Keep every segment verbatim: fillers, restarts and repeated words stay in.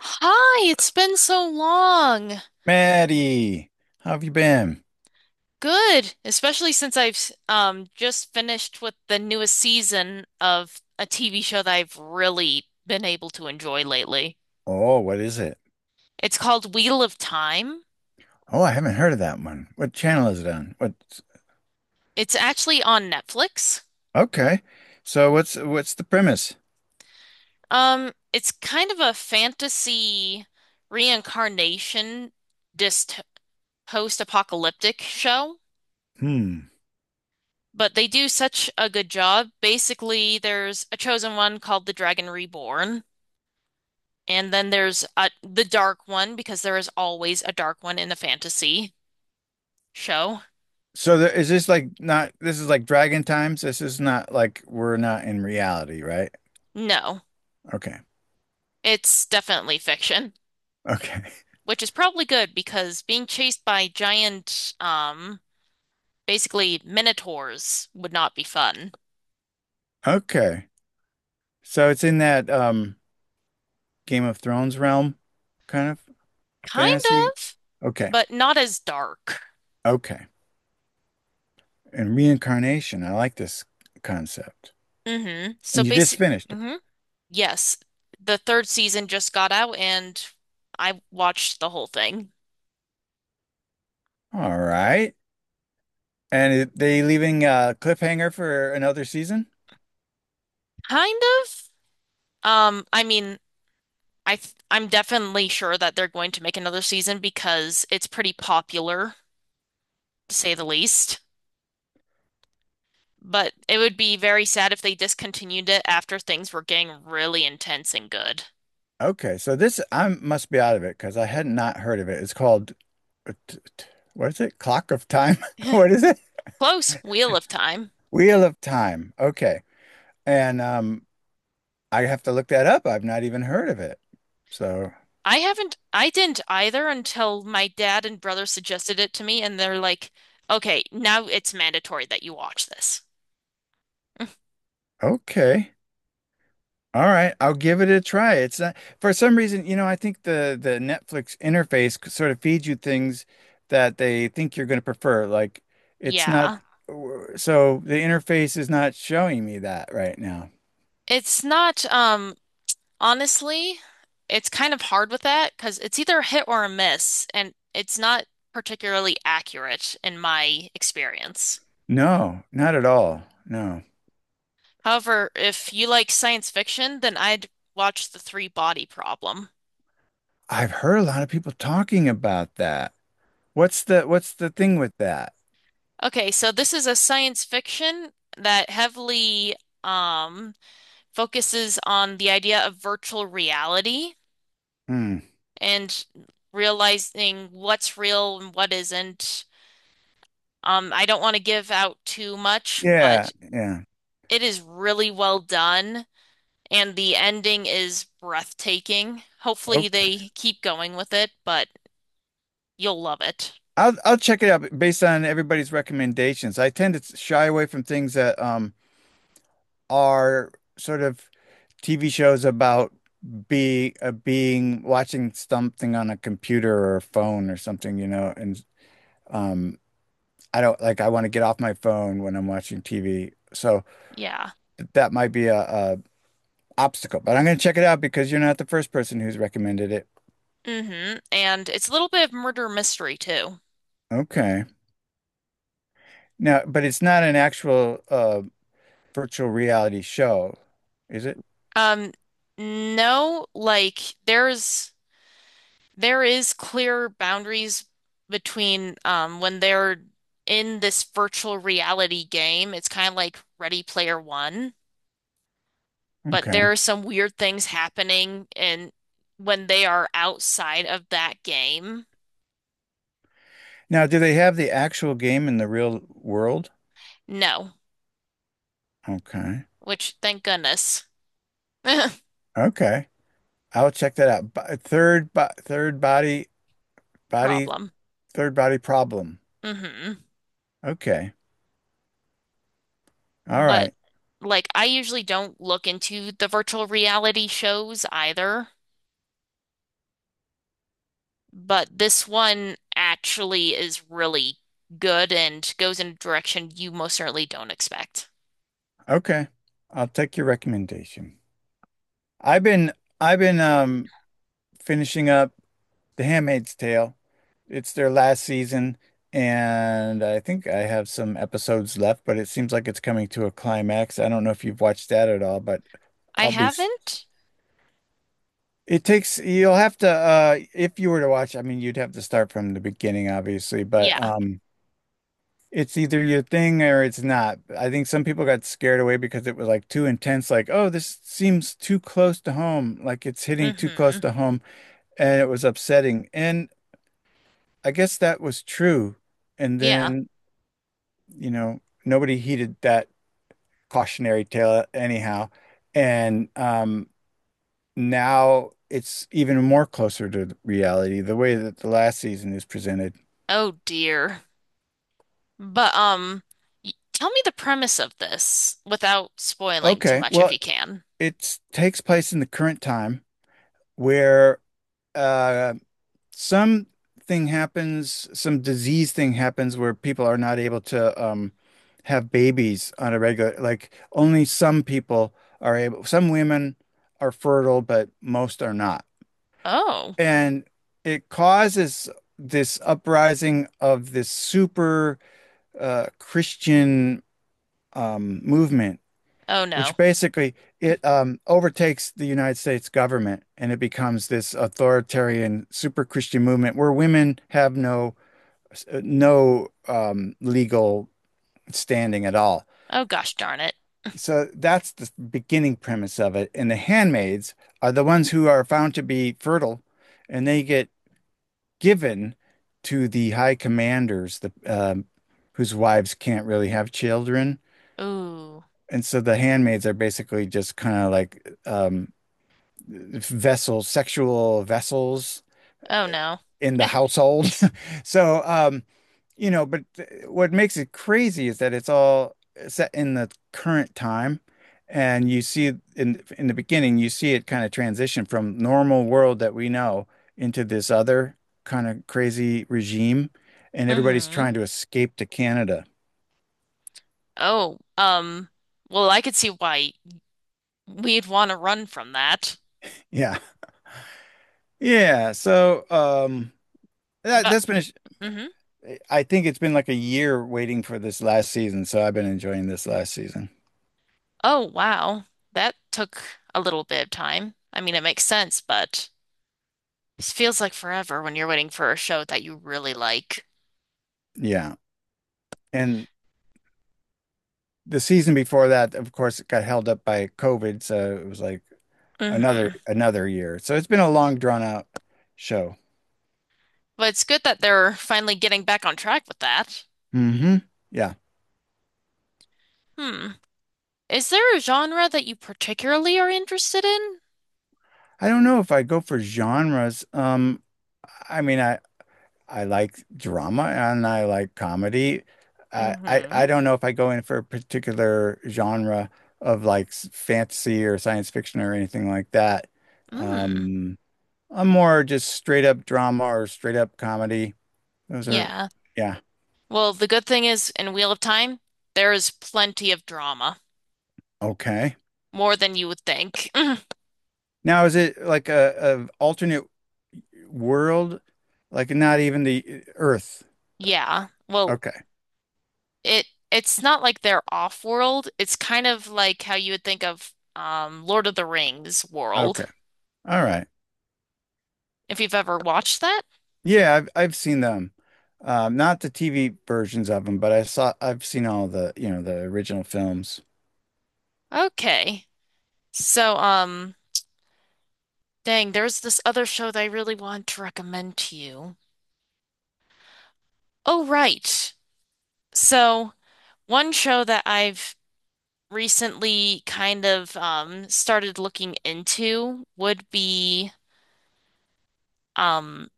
Hi, it's been so long. Maddie, how have you been? Good, especially since I've um just finished with the newest season of a T V show that I've really been able to enjoy lately. Oh, what is it? It's called Wheel of Time. Oh, I haven't heard of that one. What channel is it on? What? It's actually on Netflix. Okay. So what's what's the premise? Um, it's kind of a fantasy reincarnation dyst post-apocalyptic show, Hmm. but they do such a good job. Basically, there's a chosen one called the Dragon Reborn. And then there's a the dark one because there is always a dark one in a fantasy show. So there, is this like not— this is like Dragon Times? This is not like we're not in reality, right? No, Okay. it's definitely fiction, Okay. which is probably good because being chased by giant, um, basically minotaurs would not be fun. Okay. So it's in that um Game of Thrones realm kind of Kind fantasy. of, Okay. but not as dark. Okay. And reincarnation. I like this concept. Hmm So And you just basic, finished it. hmm Yes, the third season just got out and I watched the whole thing. All right. And it, they leaving a cliffhanger for another season? Kind of. Um, I mean, I th I'm definitely sure that they're going to make another season because it's pretty popular, to say the least. But it would be very sad if they discontinued it after things were getting really intense and good. Okay, so this I must be out of it because I had not heard of it. It's called uh, t- t- what is it? Clock of Time? What is it? Close, Wheel of Time. Wheel of Time. Okay, and um, I have to look that up. I've not even heard of it. So I haven't, I didn't either until my dad and brother suggested it to me, and they're like, okay, now it's mandatory that you watch this. okay. All right, I'll give it a try. It's not— for some reason, you know, I think the the Netflix interface c- sort of feeds you things that they think you're going to prefer. Like it's not— Yeah. so the interface is not showing me that right now. It's not, um, honestly, it's kind of hard with that because it's either a hit or a miss, and it's not particularly accurate in my experience. No, not at all. No. However, if you like science fiction, then I'd watch The Three Body Problem. I've heard a lot of people talking about that. What's the— what's the thing with that? Okay, so this is a science fiction that heavily um, focuses on the idea of virtual reality Hmm. and realizing what's real and what isn't. Um, I don't want to give out too much, Yeah, but yeah. it is really well done, and the ending is breathtaking. Hopefully, Okay. they keep going with it, but you'll love it. I'll I'll check it out based on everybody's recommendations. I tend to shy away from things that um are sort of T V shows about be— uh, being watching something on a computer or a phone or something, you know, and um I don't like— I want to get off my phone when I'm watching T V. So Yeah. that might be a, a obstacle, but I'm going to check it out because you're not the first person who's recommended it. Mm-hmm. And it's a little bit of murder mystery too. Okay. Now, but it's not an actual uh virtual reality show, is it? Um, no, like there's there is clear boundaries between um when they're in this virtual reality game. It's kind of like Ready Player One, but Okay. there are some weird things happening and when they are outside of that game. Now, do they have the actual game in the real world? No, Okay. which thank goodness. Okay. I'll check that out. Bo- Third, bo third body, body, Problem. third body problem. hmm Okay. All But right. like I usually don't look into the virtual reality shows either, but this one actually is really good and goes in a direction you most certainly don't expect. Okay. I'll take your recommendation. I've been, I've been, um, finishing up The Handmaid's Tale. It's their last season, and I think I have some episodes left, but it seems like it's coming to a climax. I don't know if you've watched that at all, but I I'll be. haven't? It takes— you'll have to uh if you were to watch, I mean you'd have to start from the beginning obviously, but Yeah. um it's either your thing or it's not. I think some people got scared away because it was like too intense, like, oh, this seems too close to home, like it's hitting too close hmm to home, and it was upsetting. And I guess that was true. And Yeah. then, you know, nobody heeded that cautionary tale anyhow. And um now it's even more closer to reality the way that the last season is presented. Oh dear. But um, y- tell me the premise of this without spoiling too Okay, much if well, you can. it takes place in the current time where uh, some thing happens, some disease thing happens where people are not able to um, have babies on a regular, like only some people are able, some women are fertile, but most are not. Oh, And it causes this uprising of this super uh, Christian um, movement, oh no. which basically it um, overtakes the United States government, and it becomes this authoritarian super Christian movement where women have no no um, legal standing at all. Oh gosh darn it. So that's the beginning premise of it. And the handmaids are the ones who are found to be fertile, and they get given to the high commanders, the um, whose wives can't really have children. Ooh. And so the handmaids are basically just kind of like um, vessels, sexual vessels Oh no. in the household. So, um, you know, but th- what makes it crazy is that it's all set in the current time. And you see in in the beginning, you see it kind of transition from normal world that we know into this other kind of crazy regime. And everybody's Mm-hmm. trying to escape to Canada. Oh, um, well, I could see why we'd want to run from that. Yeah. Yeah. So, um, that, But that's been— mm-hmm. I think it's been like a year waiting for this last season, so I've been enjoying this last season. Oh wow. That took a little bit of time. I mean, it makes sense, but it feels like forever when you're waiting for a show that you really like. Yeah. And the season before that, of course, it got held up by COVID, so it was like another Mm-hmm. another year. So it's been a long drawn out show. But it's good that they're finally getting back on track with that. Hmm. Yeah. Hmm. Is there a genre that you particularly are interested in? I don't know if I go for genres. Um, I mean, I I like drama and I like comedy. I, I Mm-hmm. I don't know if I go in for a particular genre of like s- fantasy or science fiction or anything like that. Mm, Um, I'm more just straight up drama or straight up comedy. Those are, yeah. yeah, Well, the good thing is in Wheel of Time, there is plenty of drama, okay. more than you would think. Now, is it like a, a alternate world? Like not even the uh, Earth? Yeah. Well, Okay, it it's not like they're off-world. It's kind of like how you would think of um Lord of the Rings world, okay, all right. if you've ever watched that. Yeah, I've I've seen them. Um, not the T V versions of them, but I saw— I've seen all the, you know, the original films. Okay. So, um, dang, there's this other show that I really want to recommend to you. Oh, right. So one show that I've recently kind of um, started looking into would be um,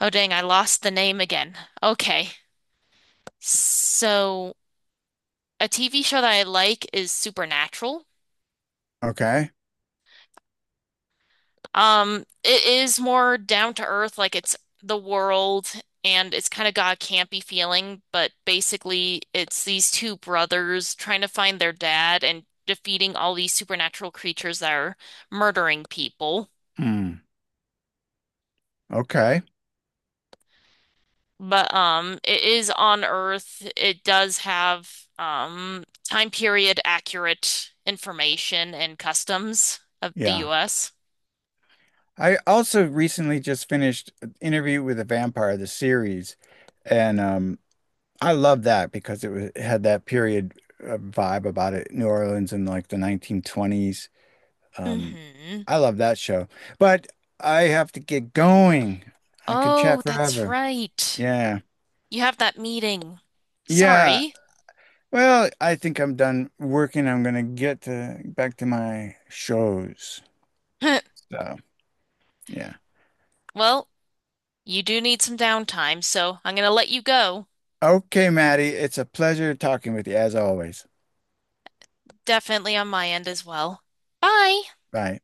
oh dang, I lost the name again. Okay. So a T V show that I like is Supernatural. Okay. Um, it is more down to earth, like it's the world and it's kind of got a campy feeling, but basically it's these two brothers trying to find their dad and defeating all these supernatural creatures that are murdering people. Hmm. Okay. But um it is on Earth. It does have um time period accurate information and customs of the Yeah. U S. I also recently just finished Interview with a Vampire, the series, and um I love that because it, was, it had that period uh, vibe about it, New Orleans in like the nineteen twenties. Um hmm I love that show. But I have to get going. I could chat Oh, that's forever. right. Yeah. You have that meeting. Yeah. Sorry. Well, I think I'm done working. I'm gonna get to back to my shows. So, yeah. Well, you do need some downtime, so I'm gonna let you go. Okay, Maddie, it's a pleasure talking with you as always. Definitely on my end as well. Bye. Bye.